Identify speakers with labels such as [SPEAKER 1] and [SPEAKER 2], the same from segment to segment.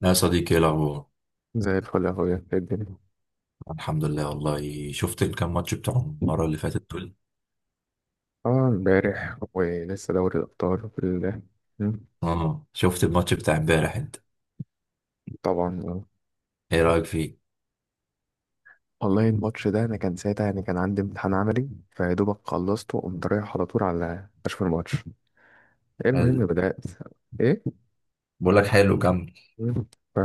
[SPEAKER 1] لا يا صديقي، ايه الاخبار؟
[SPEAKER 2] زي الفل يا اخويا، إيه الدنيا؟
[SPEAKER 1] الحمد لله، والله شفت الكام ماتش بتاع المره اللي فاتت دول؟
[SPEAKER 2] اه، امبارح ولسه دوري الابطال وفي مم،
[SPEAKER 1] اه شفت الماتش بتاع امبارح انت؟
[SPEAKER 2] طبعا آه.
[SPEAKER 1] ايه رايك فيه؟
[SPEAKER 2] والله الماتش ده انا كان ساعتها يعني كان عندي امتحان عملي فيا دوبك خلصته وقمت رايح على طول على اشوف الماتش. ايه
[SPEAKER 1] حلو.
[SPEAKER 2] المهم بدات. ايه؟
[SPEAKER 1] بقول لك حلو، كمل.
[SPEAKER 2] مم. ف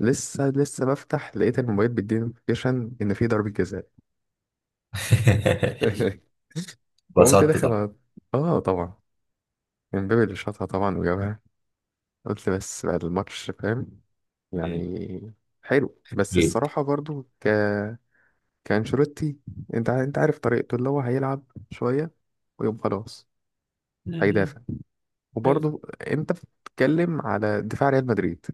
[SPEAKER 2] لسه بفتح لقيت الموبايل بيديني نوتيفيكيشن ان في ضربه جزاء. فقمت
[SPEAKER 1] اتبسطت
[SPEAKER 2] داخل
[SPEAKER 1] طبعا.
[SPEAKER 2] على- اه طبعا. امبابي اللي شاطها طبعا وجابها. قلت بس بعد الماتش، فاهم؟
[SPEAKER 1] مم.
[SPEAKER 2] يعني حلو، بس
[SPEAKER 1] جيب.
[SPEAKER 2] الصراحة برضو كأنشيلوتي، انت عارف طريقته اللي هو هيلعب شوية ويقوم خلاص
[SPEAKER 1] مم.
[SPEAKER 2] هيدافع،
[SPEAKER 1] أيوة.
[SPEAKER 2] وبرضو انت بتتكلم على دفاع ريال مدريد.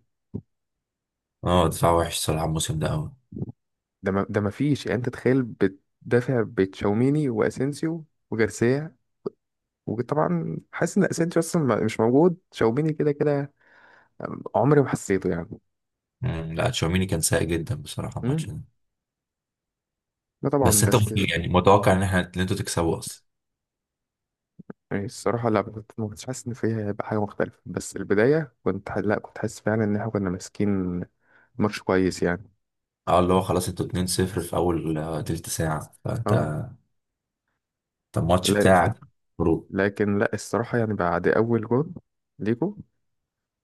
[SPEAKER 1] اه دفاع وحش صراحه الموسم ده قوي.
[SPEAKER 2] ده ما فيش، يعني انت تخيل بتدافع بتشاوميني واسينسيو وجارسيا، وطبعا حاسس ان اسينسيو اصلا مش موجود، تشاوميني كده كده عمري ما حسيته يعني.
[SPEAKER 1] مم. لا تشاوميني كان سيء جدا بصراحه الماتش
[SPEAKER 2] امم،
[SPEAKER 1] ده.
[SPEAKER 2] لا طبعا.
[SPEAKER 1] بس انت
[SPEAKER 2] بس
[SPEAKER 1] كنت يعني متوقع ان احنا ان انتوا تكسبوا اصلا؟
[SPEAKER 2] يعني الصراحة لا، ما كنتش حاسس إن فيها هيبقى حاجة مختلفة، بس البداية لا، كنت حاسس فعلا إن إحنا كنا ماسكين ماتش كويس يعني.
[SPEAKER 1] اه اللي هو خلاص انتوا 2-0 في اول تلت ساعه، فانت
[SPEAKER 2] اه.
[SPEAKER 1] انت الماتش
[SPEAKER 2] لا
[SPEAKER 1] بتاعك. برو.
[SPEAKER 2] لكن لا الصراحة، يعني بعد أول جول ليكو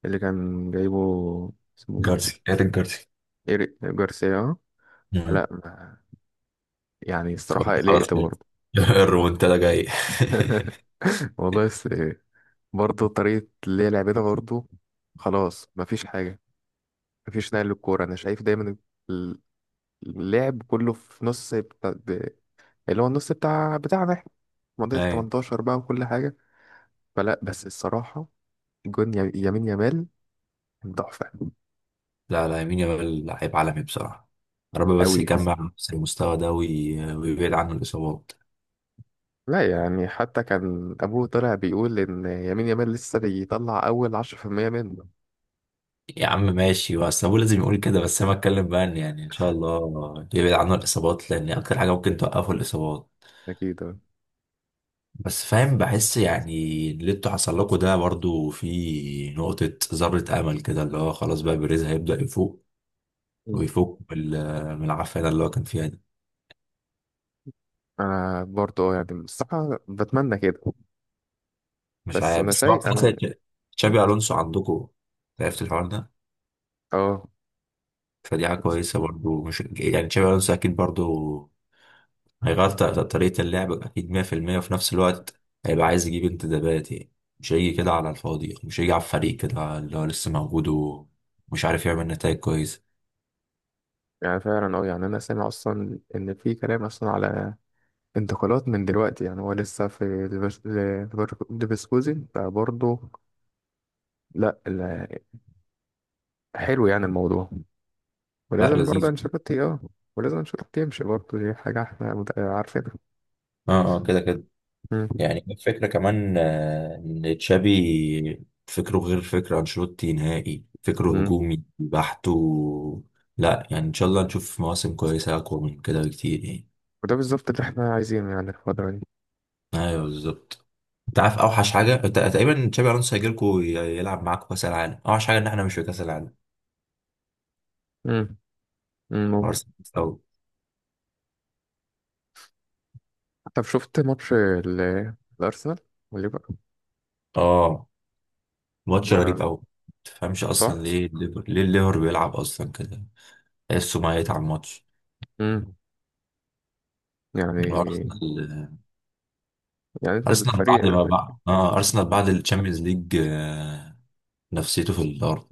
[SPEAKER 2] اللي كان جايبه، اسمه مين؟
[SPEAKER 1] جارسي، ايريك جارسي.
[SPEAKER 2] إيريك جارسيا، اه. فلا ما- يعني
[SPEAKER 1] قلت
[SPEAKER 2] الصراحة
[SPEAKER 1] خلاص
[SPEAKER 2] قلقت
[SPEAKER 1] كده.
[SPEAKER 2] برضه.
[SPEAKER 1] الريمونتادا جاي.
[SPEAKER 2] والله بس برضه طريقة اللي هي لعبتها برضه خلاص مفيش حاجة، مفيش نقل للكورة، أنا شايف دايما ال- اللعب كله في نص، اللي هو النص بتاع بتاعنا احنا، منطقة
[SPEAKER 1] اي.
[SPEAKER 2] 18 بقى وكل حاجة. فلا بس الصراحة، يمين يامال كان تحفة
[SPEAKER 1] لا يمين يامال لعيب عالمي بصراحة. يا رب بس
[SPEAKER 2] أوي.
[SPEAKER 1] يجمع نفس المستوى ده ويبعد عنه الإصابات.
[SPEAKER 2] لا يعني حتى كان أبوه طلع بيقول إن يمين يامال لسه بيطلع أول 10% منه.
[SPEAKER 1] يا عم ماشي، بس أبوه لازم يقول كده، بس أنا بتكلم بقى إن يعني إن شاء الله يبعد عنه الإصابات، لأن أكتر حاجة ممكن توقفه الإصابات.
[SPEAKER 2] أكيد أه.
[SPEAKER 1] بس فاهم، بحس يعني اللي انتوا حصل لكم ده برضو في نقطة ذرة أمل كده، اللي هو خلاص بقى بيريز هيبدأ يفوق،
[SPEAKER 2] مم.
[SPEAKER 1] ويفوق من من العافية ده اللي هو كان فيها دي.
[SPEAKER 2] أنا برضه آه، يعني الصراحة بتمنى كده.
[SPEAKER 1] مش
[SPEAKER 2] بس
[SPEAKER 1] عارف،
[SPEAKER 2] أنا
[SPEAKER 1] بس هو
[SPEAKER 2] شايف
[SPEAKER 1] خلاص
[SPEAKER 2] أنا. مم.
[SPEAKER 1] تشابي الونسو عندكم، عرفت الحوار ده؟
[SPEAKER 2] أه
[SPEAKER 1] فدي حاجه كويسه برضو، مش يعني تشابي الونسو اكيد برضو هيغير طريقه اللعب اكيد 100%، وفي نفس الوقت هيبقى عايز يجيب انتدابات يعني، مش هيجي كده على الفاضي يعني، مش هيجي على الفريق كده اللي هو لسه موجود ومش عارف يعمل نتائج كويسه.
[SPEAKER 2] يعني فعلا أه، يعني أنا سامع أصلا إن في كلام أصلا على انتقالات من دلوقتي، يعني هو لسه في ليفركوزن فبرضه. لا لا، حلو يعني الموضوع.
[SPEAKER 1] لا
[SPEAKER 2] ولازم برضه
[SPEAKER 1] لذيذ.
[SPEAKER 2] انشيلوتي اه، ولازم انشيلوتي يمشي برضه، دي حاجة احنا عارفينها.
[SPEAKER 1] اه اه، كده كده.
[SPEAKER 2] مم.
[SPEAKER 1] يعني الفكرة كمان إن تشابي فكره غير فكر أنشيلوتي نهائي، فكره
[SPEAKER 2] مم.
[SPEAKER 1] هجومي بحت و... لا يعني إن شاء الله نشوف مواسم كويسة أقوى من كده بكتير يعني.
[SPEAKER 2] وده بالظبط اللي احنا عايزينه يعني الفترة دي.
[SPEAKER 1] أيوه بالظبط. أنت عارف أوحش حاجة؟ أنت تقريبا تشابي ألونسو هيجيلكوا يلعب معاكوا كأس العالم، أوحش حاجة إن إحنا مش في كأس العالم.
[SPEAKER 2] مم. مم. ممكن.
[SPEAKER 1] أرسنال أو،
[SPEAKER 2] طب شفت ماتش الأرسنال والليفر؟
[SPEAKER 1] آه. ماتش
[SPEAKER 2] آه،
[SPEAKER 1] غريب أوي. متفهمش أصلا
[SPEAKER 2] صح؟
[SPEAKER 1] ليه الليفر، ليه الليفر بيلعب أصلا كده، تحسه ميت على الماتش.
[SPEAKER 2] مم. يعني،
[SPEAKER 1] أرسنال،
[SPEAKER 2] يعني انت
[SPEAKER 1] ارسنال
[SPEAKER 2] الفريق.
[SPEAKER 1] بعد ما بقى اه ارسنال
[SPEAKER 2] مم.
[SPEAKER 1] بعد الشامبيونز ليج آه، نفسيته في الارض.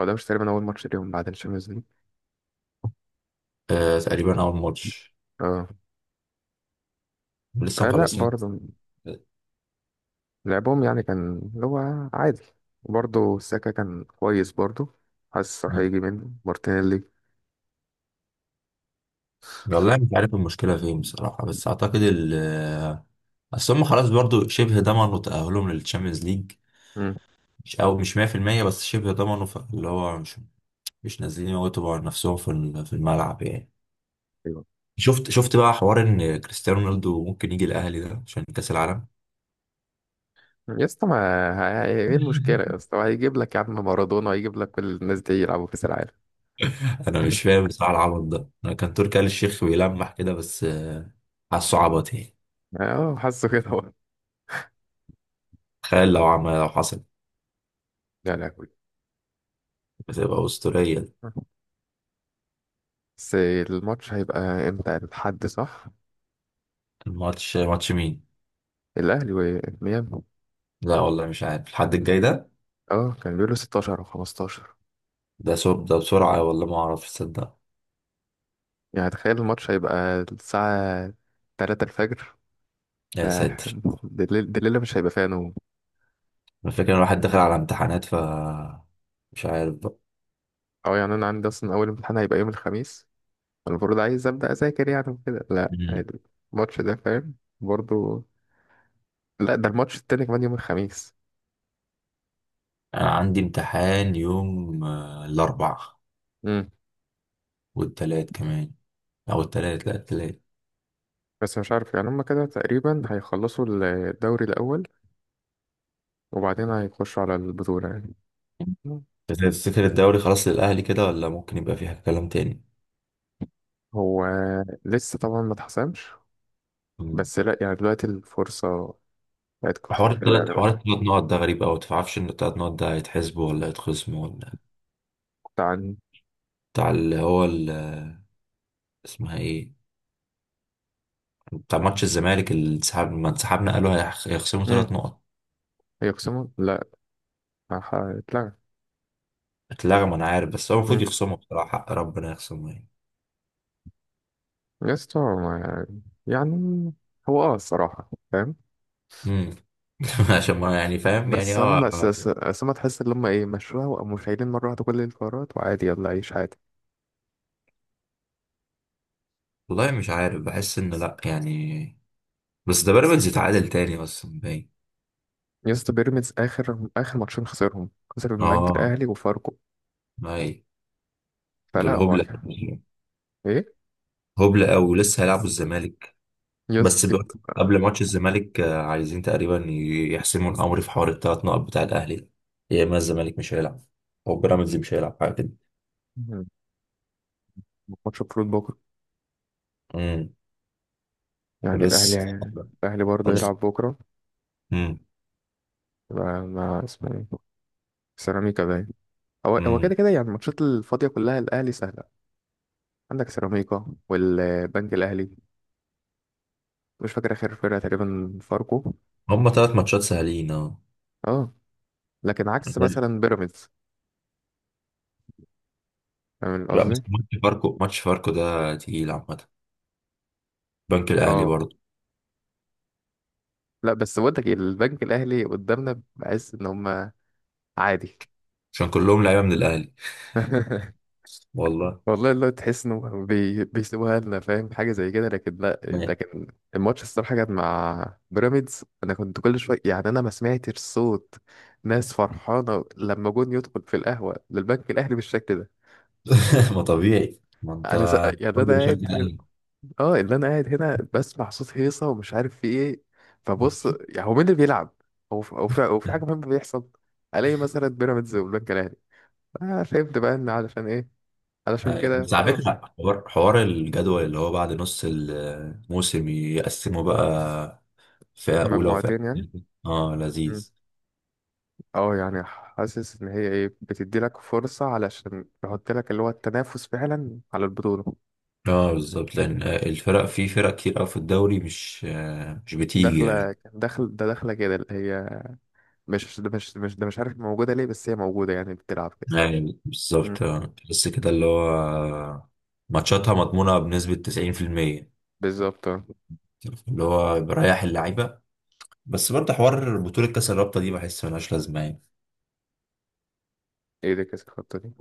[SPEAKER 2] هو ده مش تقريبا أول ماتش ليهم بعد الشامبيونز ليج؟
[SPEAKER 1] آه تقريبا اول ماتش،
[SPEAKER 2] اه.
[SPEAKER 1] لسه
[SPEAKER 2] آه، لا
[SPEAKER 1] مخلصين.
[SPEAKER 2] برضه لعبهم يعني كان اللي هو عادي، وبرضه الساكا كان كويس برضه، حاسس راح
[SPEAKER 1] مم.
[SPEAKER 2] هيجي منه مارتينيلي.
[SPEAKER 1] والله مش عارف المشكله فين بصراحه، بس اعتقد ال آه، اصل هم خلاص برضو شبه ضمنوا تاهلهم للشامبيونز ليج،
[SPEAKER 2] مم.
[SPEAKER 1] مش او مش 100% بس شبه ضمنوا، اللي هو مش مش نازلين يموتوا على نفسهم في في الملعب يعني.
[SPEAKER 2] ايوه.
[SPEAKER 1] شفت شفت بقى حوار ان كريستيانو رونالدو ممكن يجي الاهلي ده عشان كاس العالم؟
[SPEAKER 2] يا اسطى ما ه- ايه، إيه المشكلة يا اسطى؟ هيجيب لك يا عم مارادونا، هيجيب لك كل الناس دي يلعبوا كأس العالم.
[SPEAKER 1] انا مش فاهم بصراحه العبط ده، انا كان تركي آل الشيخ بيلمح كده، بس حاسه عبط يعني.
[SPEAKER 2] اه حاسه كده هو.
[SPEAKER 1] تخيل لو عمل، لو حصل
[SPEAKER 2] لا لا كويس.
[SPEAKER 1] بتبقى اسطوريه دي.
[SPEAKER 2] بس الماتش هيبقى امتى؟ الحد، صح؟
[SPEAKER 1] الماتش ماتش مين؟
[SPEAKER 2] الاهلي وميامي.
[SPEAKER 1] لا والله مش عارف الحد الجاي ده.
[SPEAKER 2] اه كان بيقولوا 16 او 15،
[SPEAKER 1] ده بسرعه والله ما اعرف، تصدق؟
[SPEAKER 2] يعني تخيل الماتش هيبقى الساعة 3 الفجر
[SPEAKER 1] يا
[SPEAKER 2] ده.
[SPEAKER 1] ساتر.
[SPEAKER 2] ده الليلة مش هيبقى فيها نوم.
[SPEAKER 1] الفكره ان الواحد داخل على امتحانات ف مش عارف بقى.
[SPEAKER 2] اه يعني انا عندي اصلا اول امتحان هيبقى يوم الخميس، المفروض عايز ابدا اذاكر يعني وكده، لا
[SPEAKER 1] مم.
[SPEAKER 2] الماتش ده فاهم، برضو، لا ده الماتش التاني كمان يوم الخميس.
[SPEAKER 1] انا عندي امتحان يوم الاربع،
[SPEAKER 2] امم.
[SPEAKER 1] والتلات كمان، او التلات، لا التلات.
[SPEAKER 2] بس مش عارف، يعني هما كده تقريبا هيخلصوا الدوري الاول وبعدين هيخشوا على البطوله يعني. مم.
[SPEAKER 1] تفتكر الدوري خلاص للاهلي كده، ولا ممكن يبقى فيها كلام تاني؟
[SPEAKER 2] هو لسه طبعا ما اتحسمش، بس لا يعني دلوقتي الفرصه بتاعتكم حلوه يعني.
[SPEAKER 1] حوار التلات نقط ده غريب أوي. متعرفش إن التلات نقط ده هيتحسبوا ولا هيتخصموا ولا
[SPEAKER 2] كنت عن.
[SPEAKER 1] بتاع اللي هو اسمها إيه، بتاع ماتش الزمالك اللي انسحب ما انسحبنا قالوا هيخصموا
[SPEAKER 2] امم.
[SPEAKER 1] تلات نقط؟
[SPEAKER 2] هيقسموا؟ لا، هتلغى.
[SPEAKER 1] اتلغم. أنا عارف، بس هو المفروض
[SPEAKER 2] امم.
[SPEAKER 1] يخصموا بصراحة، حق ربنا يخصموا يعني.
[SPEAKER 2] يا اسطى ما- يعني هو اه الصراحه فاهم،
[SPEAKER 1] امم. عشان ما يعني فاهم يعني
[SPEAKER 2] بس
[SPEAKER 1] هو.
[SPEAKER 2] هم بس هم تحس ان هم ايه، مشروع، وقاموا شايلين مره واحده كل القرارات، وعادي يلا عيش عادي.
[SPEAKER 1] والله مش عارف، بحس إن لأ يعني، بس ده بيراميدز يتعادل تاني أصلا باين.
[SPEAKER 2] يا اسطى بيراميدز اخر ماتشين خسرهم، خسر من البنك
[SPEAKER 1] آه.
[SPEAKER 2] الاهلي وفاركو.
[SPEAKER 1] أي.
[SPEAKER 2] فلا
[SPEAKER 1] دول
[SPEAKER 2] هو
[SPEAKER 1] هبلة.
[SPEAKER 2] كان ايه.
[SPEAKER 1] هبلة أوي، ولسه هيلعبوا الزمالك.
[SPEAKER 2] يا
[SPEAKER 1] بس
[SPEAKER 2] اسطى.
[SPEAKER 1] بيقول قبل ماتش الزمالك عايزين تقريبا يحسموا الامر في حوار ال 3 نقط بتاع الاهلي ده. يا اما الزمالك مش هيلعب، او بيراميدز مش هيلعب، حاجه كده.
[SPEAKER 2] ماتش المفروض بكره
[SPEAKER 1] امم.
[SPEAKER 2] يعني، الاهلي،
[SPEAKER 1] لسه.
[SPEAKER 2] الاهلي برضه
[SPEAKER 1] بس.
[SPEAKER 2] هيلعب بكره
[SPEAKER 1] امم.
[SPEAKER 2] مع مع اسمه ايه، سيراميكا باين. هو هو كده
[SPEAKER 1] امم.
[SPEAKER 2] كده يعني الماتشات الفاضيه كلها الاهلي سهله، عندك سيراميكا والبنك الاهلي، مش فاكر اخر فرقه تقريبا فاركو.
[SPEAKER 1] هما 3 ماتشات سهلين اه.
[SPEAKER 2] اه. لكن عكس مثلا بيراميدز، فاهم
[SPEAKER 1] لا
[SPEAKER 2] قصدي؟
[SPEAKER 1] بس ماتش فاركو، ماتش فاركو ده تقيل عامه، بنك الاهلي
[SPEAKER 2] اه
[SPEAKER 1] برضه.
[SPEAKER 2] لا بس بقول لك إيه، البنك الاهلي قدامنا بحس ان هم عادي.
[SPEAKER 1] عشان كلهم لعيبه من الاهلي. والله.
[SPEAKER 2] والله اللي هو تحس انه بيسيبوها لنا فاهم، حاجه زي كده، لكن لا لكن الماتش الصراحه كان مع بيراميدز، انا كنت كل شويه، يعني انا ما سمعتش صوت ناس فرحانه لما جون يدخل في القهوه للبنك الاهلي بالشكل ده.
[SPEAKER 1] ما طبيعي، ما
[SPEAKER 2] انا س...
[SPEAKER 1] انت
[SPEAKER 2] يعني انا
[SPEAKER 1] كله بيشجع
[SPEAKER 2] قاعد،
[SPEAKER 1] الاهلي.
[SPEAKER 2] اه اللي انا قاعد هنا بسمع صوت هيصه ومش عارف في ايه، فبص يعني هو مين اللي بيلعب، هو في حاجه مهمه بيحصل، الاقي مثلا بيراميدز والبنك الاهلي، آه فهمت بقى ان علشان ايه، علشان
[SPEAKER 1] أيوة.
[SPEAKER 2] كده
[SPEAKER 1] بس على
[SPEAKER 2] خلاص.
[SPEAKER 1] فكرة حوار الجدول اللي هو بعد نص الموسم يقسموا بقى فئة أولى وفئة
[SPEAKER 2] مجموعتين يعني.
[SPEAKER 1] تانية. اه
[SPEAKER 2] مم.
[SPEAKER 1] لذيذ.
[SPEAKER 2] اه يعني حاسس ان هي ايه، بتدي لك فرصه علشان تحط لك اللي هو التنافس فعلا على البطوله.
[SPEAKER 1] اه بالظبط، لأن الفرق في فرق كتير أوي في الدوري مش مش بتيجي
[SPEAKER 2] داخله
[SPEAKER 1] يعني.
[SPEAKER 2] داخل ده داخله كده اللي هي مش عارف موجوده ليه، بس هي موجوده يعني بتلعب كده.
[SPEAKER 1] يعني
[SPEAKER 2] مم.
[SPEAKER 1] بالظبط آه. بس كده اللي هو ماتشاتها مضمونة بنسبة 90%،
[SPEAKER 2] بالظبط اه.
[SPEAKER 1] اللي هو بريح اللعيبة. بس برضه حوار بطولة كأس الرابطة دي بحس ملهاش لازمة يعني،
[SPEAKER 2] ايه ده كاس الخطه دي؟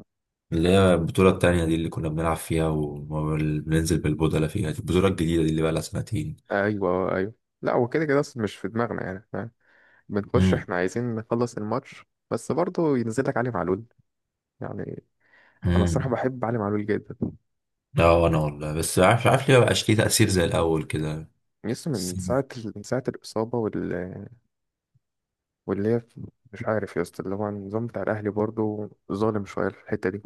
[SPEAKER 1] اللي هي البطولة التانية دي اللي كنا بنلعب فيها وبننزل بالبودلة فيها، دي البطولة الجديدة دي اللي بقى لها 2 سنتين.
[SPEAKER 2] ايوه آه، ايوه. لا هو كده كده اصلا مش في دماغنا، يعني فاهم، بنخش
[SPEAKER 1] امم.
[SPEAKER 2] احنا عايزين نخلص الماتش. بس برضه ينزل لك علي معلول يعني. انا الصراحه
[SPEAKER 1] امم.
[SPEAKER 2] بحب علي معلول جدا.
[SPEAKER 1] اه، وانا والله، بس عارف، عارف ليه مبقاش ليه تأثير زي الأول كده؟
[SPEAKER 2] يسطا
[SPEAKER 1] بس
[SPEAKER 2] من ساعه، من ساعه الاصابه وال، واللي هي، مش عارف يا اسطى اللي هو النظام بتاع الاهلي برضه ظالم شويه في الحته دي.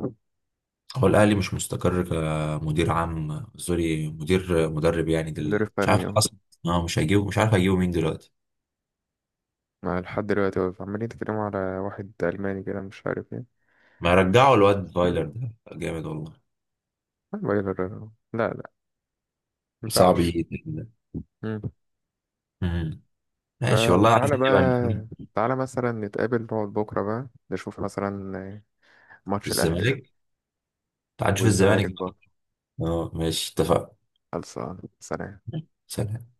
[SPEAKER 1] هو الأهلي مش مستقر، كمدير عام سوري، مدير مدرب يعني
[SPEAKER 2] مدرب
[SPEAKER 1] مش
[SPEAKER 2] فني
[SPEAKER 1] عارف
[SPEAKER 2] اه.
[SPEAKER 1] أصلا. اه مش هيجيبه، مش عارف هيجيبه مين دلوقتي.
[SPEAKER 2] مع لحد دلوقتي واقف. عمالين يتكلموا على واحد الماني كده مش عارف ايه.
[SPEAKER 1] ما
[SPEAKER 2] بس
[SPEAKER 1] يرجعوا الواد فايلر ده جامد والله.
[SPEAKER 2] ما بقى- ما
[SPEAKER 1] صعب
[SPEAKER 2] ينفعش.
[SPEAKER 1] يجي. امم. ماشي والله،
[SPEAKER 2] فتعالى
[SPEAKER 1] عايزين نبقى نشوف
[SPEAKER 2] بقى، تعالى مثلا نتقابل نقعد بكرة بقى نشوف مثلا ماتش الأهلي ده
[SPEAKER 1] الزمالك. تعال نشوف الزمالك
[SPEAKER 2] والزمالك بقى.
[SPEAKER 1] بقى. اه ماشي، اتفقنا.
[SPEAKER 2] خلصان، سلام.
[SPEAKER 1] سلام.